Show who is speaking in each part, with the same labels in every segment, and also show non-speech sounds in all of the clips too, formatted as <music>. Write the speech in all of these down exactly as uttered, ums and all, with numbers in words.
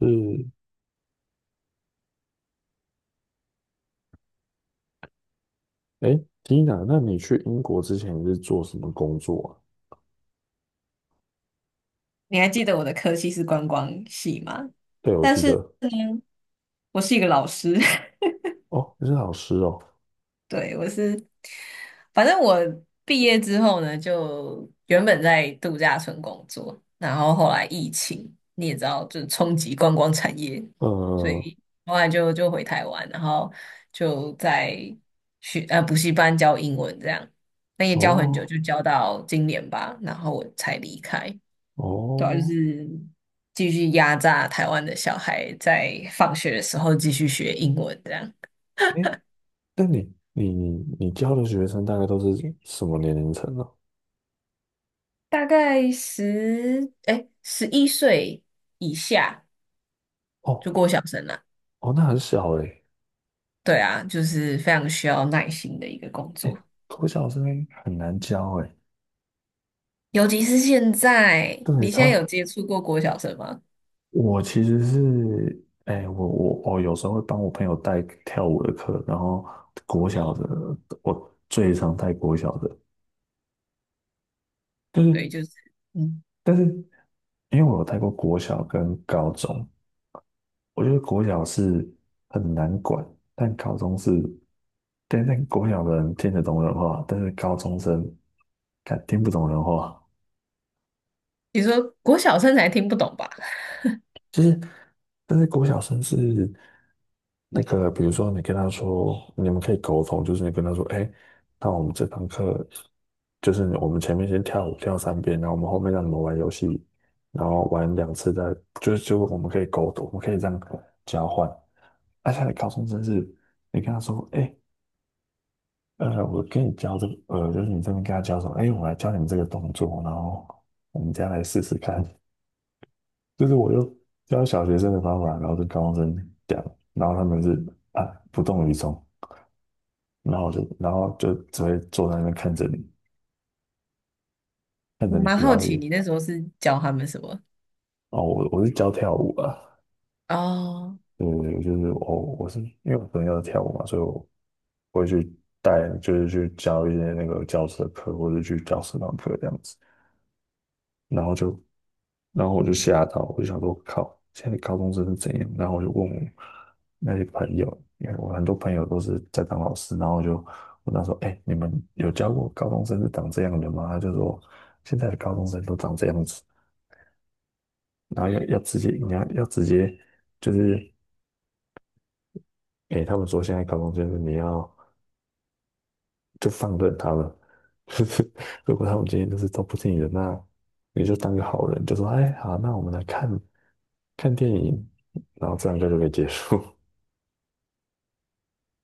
Speaker 1: 是，哎，Tina，那你去英国之前你是做什么工作啊？
Speaker 2: 你还记得我的科系是观光系吗？
Speaker 1: 对，我
Speaker 2: 但
Speaker 1: 记
Speaker 2: 是
Speaker 1: 得。
Speaker 2: 呢，我是一个老师，
Speaker 1: 哦，你是老师哦。
Speaker 2: <laughs> 对，我是，反正我毕业之后呢，就原本在度假村工作，然后后来疫情，你也知道，就是冲击观光产业，所
Speaker 1: 呃，
Speaker 2: 以后来就就回台湾，然后就在学呃补习班教英文这样，那也教很久，
Speaker 1: 哦。
Speaker 2: 就教到今年吧，然后我才离开。对啊，就
Speaker 1: 哦。
Speaker 2: 是继续压榨台湾的小孩，在放学的时候继续学英文，这样
Speaker 1: 哎，那你你你教的学生大概都是什么年龄层呢？
Speaker 2: 大概十哎十一岁以下
Speaker 1: 哦。
Speaker 2: 就过小生了。
Speaker 1: 哦，那很小哎。
Speaker 2: 对啊，就是非常需要耐心的一个工
Speaker 1: 哎，
Speaker 2: 作，
Speaker 1: 国小生很难教哎。
Speaker 2: 尤其是现在，
Speaker 1: 对，
Speaker 2: 你现在有
Speaker 1: 超。
Speaker 2: 接触过国小生吗？
Speaker 1: 我其实是，哎，我我我有时候会帮我朋友带跳舞的课，然后国小的，我最常带国小的。就
Speaker 2: 对，
Speaker 1: 是，
Speaker 2: 就是嗯，
Speaker 1: 但是因为我有带过国小跟高中，我觉得国小是很难管，但高中是，但但国小的人听得懂人话，但是高中生敢听不懂人话。
Speaker 2: 你说国小生才听不懂吧？
Speaker 1: 其实，但是国小生是那个，比如说你跟他说，你们可以沟通，就是你跟他说，哎，那我们这堂课就是我们前面先跳舞跳三遍，然后我们后面让你们玩游戏，然后玩两次再，就是就我们可以沟通，我们可以这样交换。而且高中生是，你跟他说，哎，呃，我跟你教这个，呃，就是你这边跟他教什么，哎，我来教你们这个动作，然后我们再来试试看，就是我就教小学生的方法，然后跟高中生讲，然后他们是啊不动于衷，然后就然后就只会坐在那边看着你，看着
Speaker 2: 我
Speaker 1: 你
Speaker 2: 蛮好
Speaker 1: 表
Speaker 2: 奇
Speaker 1: 演。
Speaker 2: 你那时候是教他们什么？
Speaker 1: 哦，我我是教跳舞啊。
Speaker 2: 哦
Speaker 1: 对对对，就是我我是因为我朋友跳舞嘛，所以我我会去带，就是去教一些那个教室的课，或者去教社团课这样子，然后就。然后我就吓到，我就想说，靠，现在高中生是怎样？然后我就问我那些朋友，因为我很多朋友都是在当老师，然后我就问他说，哎，你们有教过高中生是长这样的吗？他就说，现在的高中生都长这样子，然后要要直接，你要要直接，就是，哎，他们说现在高中生你要就放任他们，<laughs> 就是如果他们今天就是都不听你的，那你就当个好人，就说，哎，好，那我们来看看电影，然后这样就就可以结束。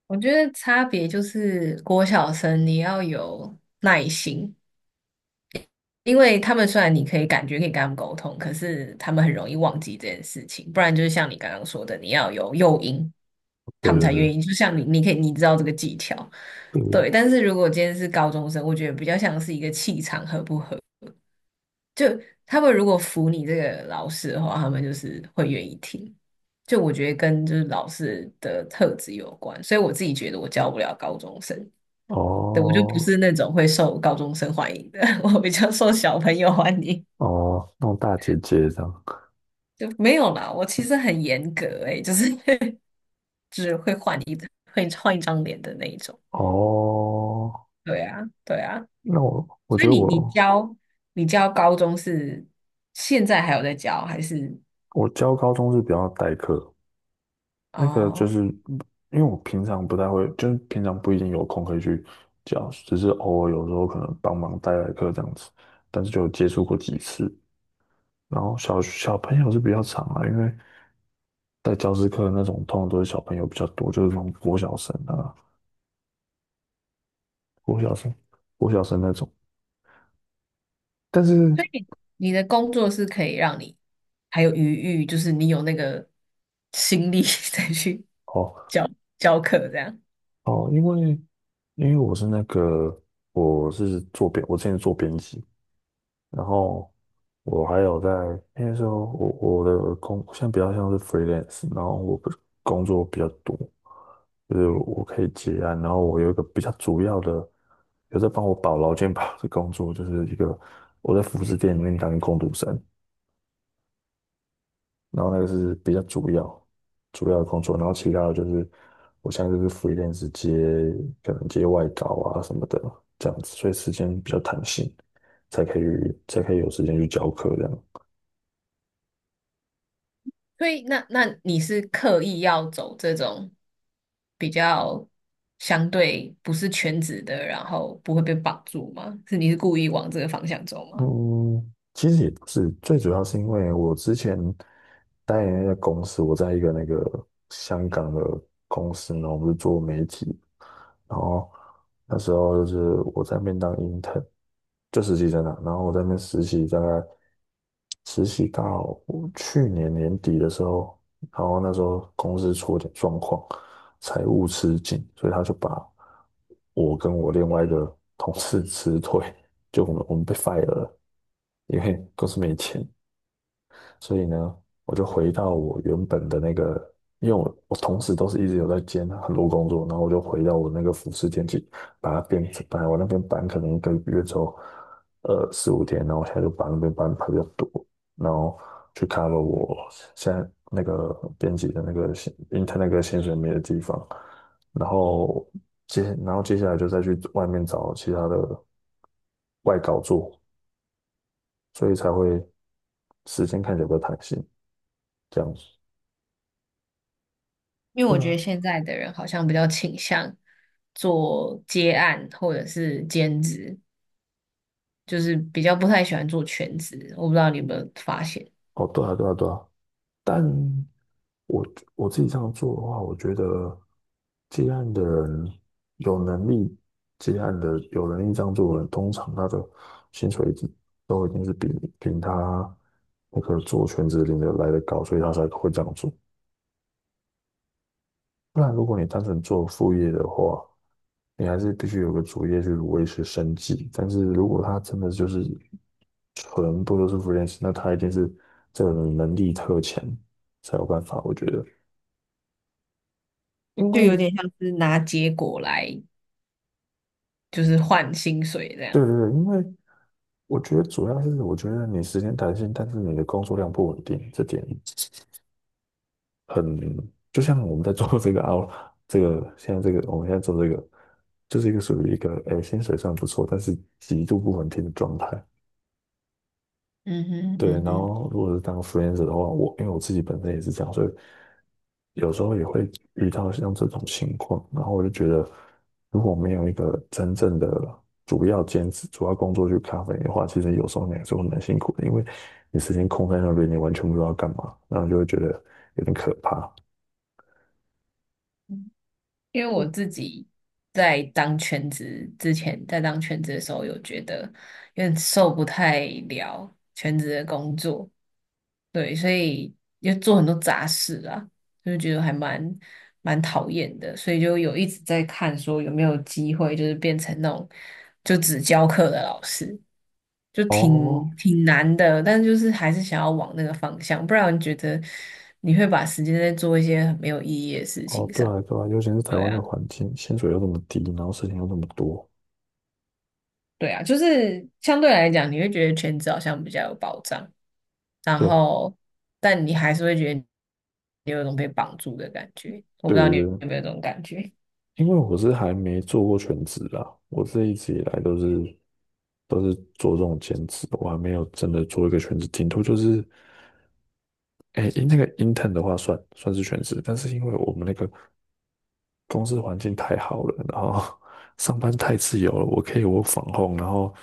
Speaker 2: 我觉得差别就是国小生你要有耐心，因为他们虽然你可以感觉可以跟他们沟通，可是他们很容易忘记这件事情。不然就是像你刚刚说的，你要有诱因，
Speaker 1: 对
Speaker 2: 他们才
Speaker 1: 对
Speaker 2: 愿意。就像你，你可以你知道这个技巧，
Speaker 1: 对。对
Speaker 2: 对。但是如果今天是高中生，我觉得比较像是一个气场合不合。就他们如果服你这个老师的话，他们就是会愿意听。就我觉得跟就是老师的特质有关，所以我自己觉得我教不了高中生。对，我就不
Speaker 1: 哦。
Speaker 2: 是那种会受高中生欢迎的，<laughs> 我比较受小朋友欢迎。
Speaker 1: 哦，那种大姐姐这样。
Speaker 2: 就没有啦，我其实很严格诶、就是 <laughs> 会换一张脸的那一种。
Speaker 1: 哦，
Speaker 2: 对啊，对啊。
Speaker 1: 那我我
Speaker 2: 所
Speaker 1: 觉
Speaker 2: 以
Speaker 1: 得
Speaker 2: 你你
Speaker 1: 我
Speaker 2: 教你教高中是现在还有在教，还是
Speaker 1: 我教高中是比较代课。那个就
Speaker 2: 哦？
Speaker 1: 是因为我平常不太会，就是平常不一定有空可以去教，只是偶尔有时候可能帮忙代代课这样子，但是就有接触过几次。然后小小朋友是比较长啊，因为在教师课的那种通常都是小朋友比较多，就是那种国小生啊、国小生、国小生那种。但是
Speaker 2: 你的工作是可以让你还有余裕，就是你有那个心力 <laughs> 再去
Speaker 1: 哦。
Speaker 2: 教教课这样。
Speaker 1: 哦，因为因为我是那个，我是做编，我之前做编辑，然后我还有在那时候我我的工现在比较像是 freelance,然后我不是工作比较多，就是我可以接案，然后我有一个比较主要的有在帮我保劳健保的工作，就是一个我在服饰店里面当工读生，然后那个是比较主要主要的工作，然后其他的就是我现在就是 f r e e 接可能接外稿啊什么的这样子，所以时间比较弹性，才可以才可以有时间去教课这样。
Speaker 2: 所以那那你是刻意要走这种比较相对不是全职的，然后不会被绑住吗？是你是故意往这个方向走吗？
Speaker 1: 嗯，其实也不是，最主要是因为我之前待的那个公司，我在一个那个香港的公司呢，我们是做媒体，然后那时候就是我在那边当 intern,就实习生啊，然后我在那边实习，大概实习到去年年底的时候，然后那时候公司出了点状况，财务吃紧，所以他就把我跟我另外一个同事 <laughs> 辞退，就我们我们被 fire 了，因为公司没钱。所以呢，我就回到我原本的那个，因为我我同时都是一直有在兼很多工作，然后我就回到我那个服饰店去，把它变成来我那边搬可能一个月之后，呃四五天，然后我现在就把那边搬比较多，然后去看了我现在那个编辑的那个薪 i n 那个薪水没的地方，然后接然后接下来就再去外面找其他的外稿做，所以才会时间看起来比较弹性这样。子。
Speaker 2: 因为
Speaker 1: 对
Speaker 2: 我觉得
Speaker 1: 啊。
Speaker 2: 现在的人好像比较倾向做接案或者是兼职，就是比较不太喜欢做全职。我不知道你有没有发现，
Speaker 1: 哦，对啊，对啊，对啊。但我我自己这样做的话，我觉得接案的人有能力接案的有能力这样做的人，通常他的薪水一定都一定是比比他那个做全职领的来的高，所以他才会这样做。不然，如果你单纯做副业的话，你还是必须有个主业去维持生计。但是如果他真的就是全部都是 freelance,那他一定是这个人能力特强才有办法。我觉得，因
Speaker 2: 就
Speaker 1: 为
Speaker 2: 有点像是拿结果来就是换薪水这
Speaker 1: 对
Speaker 2: 样。
Speaker 1: 对对，因为我觉得主要是我觉得你时间弹性，但是你的工作量不稳定，这点很就像我们在做这个啊，这个现在这个我们现在做这个，就是一个属于一个诶薪水算不错，但是极度不稳定的状态。
Speaker 2: 嗯哼
Speaker 1: 对，
Speaker 2: 嗯
Speaker 1: 然
Speaker 2: 哼。
Speaker 1: 后如果是当 freelancer 的话，我因为我自己本身也是这样，所以有时候也会遇到像这种情况，然后我就觉得，如果没有一个真正的主要兼职、主要工作去 cover 你的话，其实有时候你还是会蛮辛苦的，因为你时间空在那边，你完全不知道干嘛，然后就会觉得有点可怕。
Speaker 2: 因为我自己在当全职之前，在当全职的时候，有觉得有点受不太了全职的工作，对，所以就做很多杂事啊，就觉得还蛮蛮讨厌的，所以就有一直在看说有没有机会，就是变成那种就只教课的老师，就
Speaker 1: 哦。
Speaker 2: 挺挺难的，但就是还是想要往那个方向，不然觉得你会把时间在做一些很没有意义的事
Speaker 1: 哦，
Speaker 2: 情
Speaker 1: 对
Speaker 2: 上，
Speaker 1: 啊，对啊，尤其是台
Speaker 2: 对
Speaker 1: 湾的
Speaker 2: 啊。
Speaker 1: 环境，薪水又那么低，然后事情又那么多。
Speaker 2: 对啊，就是相对来讲，你会觉得全职好像比较有保障，然
Speaker 1: 对。
Speaker 2: 后但你还是会觉得你有一种被绑住的感觉。我不知道
Speaker 1: 对对
Speaker 2: 你
Speaker 1: 对，
Speaker 2: 有没有这种感觉。
Speaker 1: 因为我是还没做过全职啦，我这一直以来都是都是做这种兼职，我还没有真的做一个全职。顶多就是，哎，那个 intern 的话算算是全职，但是因为我们那个公司环境太好了，然后 <laughs> 上班太自由了，我可以我 o r 然后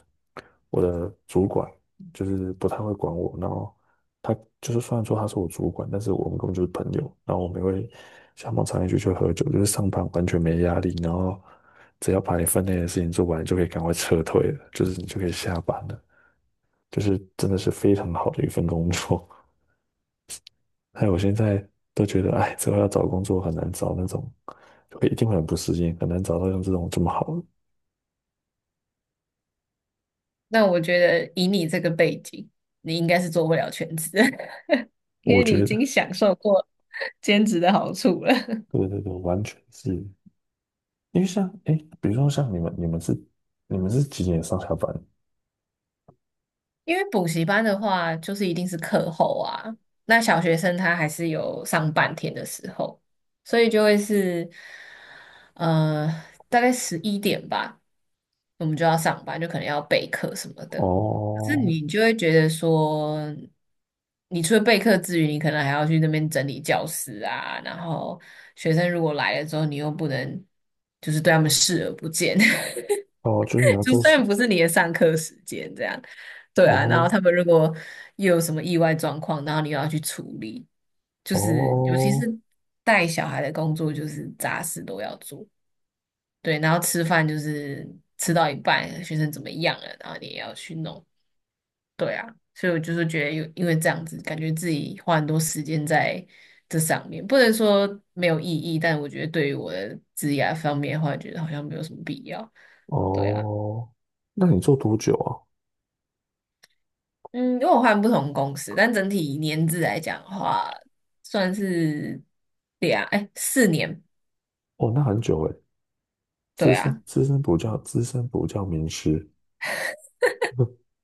Speaker 1: 我的主管就是不太会管我，然后他就是虽然说他是我主管，但是我们根本就是朋友，然后我们也会下班常一起去喝酒，就是上班完全没压力，然后只要把你分内的事情做完，就可以赶快撤退了，就是你就可以下班了，就是真的是非常好的一份工作。哎，我现在都觉得，哎，之后要找工作很难找那种，会一定会很不适应，很难找到像这种这么好的。
Speaker 2: 那我觉得以你这个背景，你应该是做不了全职的，<laughs> 因
Speaker 1: 我
Speaker 2: 为你已
Speaker 1: 觉
Speaker 2: 经
Speaker 1: 得，
Speaker 2: 享受过兼职的好处了。
Speaker 1: 对对对，完全是，因为像，哎，比如说像你们，你们是你们是几点上下班？
Speaker 2: 因为补习班的话，就是一定是课后啊。那小学生他还是有上半天的时候，所以就会是，呃，大概十一点吧，我们就要上班，就可能要备课什么的。可是
Speaker 1: 哦。
Speaker 2: 你就会觉得说，你除了备课之余，你可能还要去那边整理教室啊，然后学生如果来了之后，你又不能就是对他们视而不见，
Speaker 1: 哦，就是你
Speaker 2: <laughs>
Speaker 1: 要
Speaker 2: 就
Speaker 1: 做
Speaker 2: 虽
Speaker 1: 事。
Speaker 2: 然不是你的上课时间这样。对啊，然后
Speaker 1: 哦。
Speaker 2: 他们如果又有什么意外状况，然后你又要去处理，就是尤其是
Speaker 1: 哦。
Speaker 2: 带小孩的工作，就是杂事都要做。对，然后吃饭就是吃到一半，学生怎么样了，然后你也要去弄。对啊，所以我就是觉得有，因为这样子，感觉自己花很多时间在这上面，不能说没有意义，但我觉得对于我的职业方面的话，觉得好像没有什么必要。对啊。
Speaker 1: 哦，那你做多久啊？
Speaker 2: 嗯，因为我换不同公司，但整体年资来讲的话，算是两，哎，四年，
Speaker 1: 哦，那很久诶。
Speaker 2: 对
Speaker 1: 资深
Speaker 2: 啊，
Speaker 1: 资深补教资深补教名师。<laughs>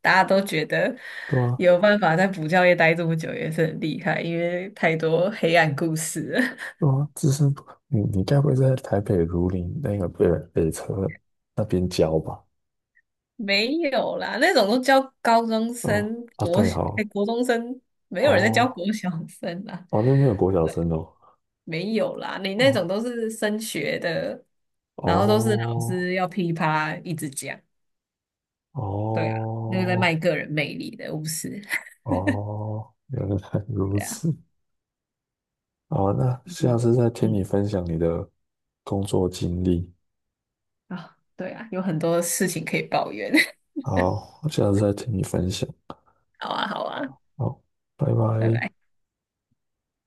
Speaker 2: 大家都觉得
Speaker 1: 对啊。
Speaker 2: 有办法在补教业待这么久也是很厉害，因为太多黑暗故事了。<laughs>
Speaker 1: 哦，资生堂，你你该不会是在台北如林那个北北车那边教吧？
Speaker 2: 没有啦，那种都教高中
Speaker 1: 哦
Speaker 2: 生、
Speaker 1: 啊，
Speaker 2: 国
Speaker 1: 对
Speaker 2: 小，
Speaker 1: 哦。
Speaker 2: 哎，国中生，没有人在教
Speaker 1: 哦。
Speaker 2: 国小生啦，
Speaker 1: 哦，那边没有国小生哦？
Speaker 2: 没有啦，你那种
Speaker 1: 哦
Speaker 2: 都是升学的，
Speaker 1: 哦
Speaker 2: 然后都是老师要噼里啪啦一直讲。对啊，那个在
Speaker 1: 哦
Speaker 2: 卖个人魅力的，不是？
Speaker 1: 哦，原来如
Speaker 2: 对啊，
Speaker 1: 此。好，那下
Speaker 2: 嗯
Speaker 1: 次再听你
Speaker 2: 嗯
Speaker 1: 分享你的工作经历。
Speaker 2: 啊，对啊，有很多事情可以抱怨。<laughs>
Speaker 1: 好，下次再听你分享。
Speaker 2: 好啊，好啊，
Speaker 1: 好，拜
Speaker 2: 拜
Speaker 1: 拜。
Speaker 2: 拜。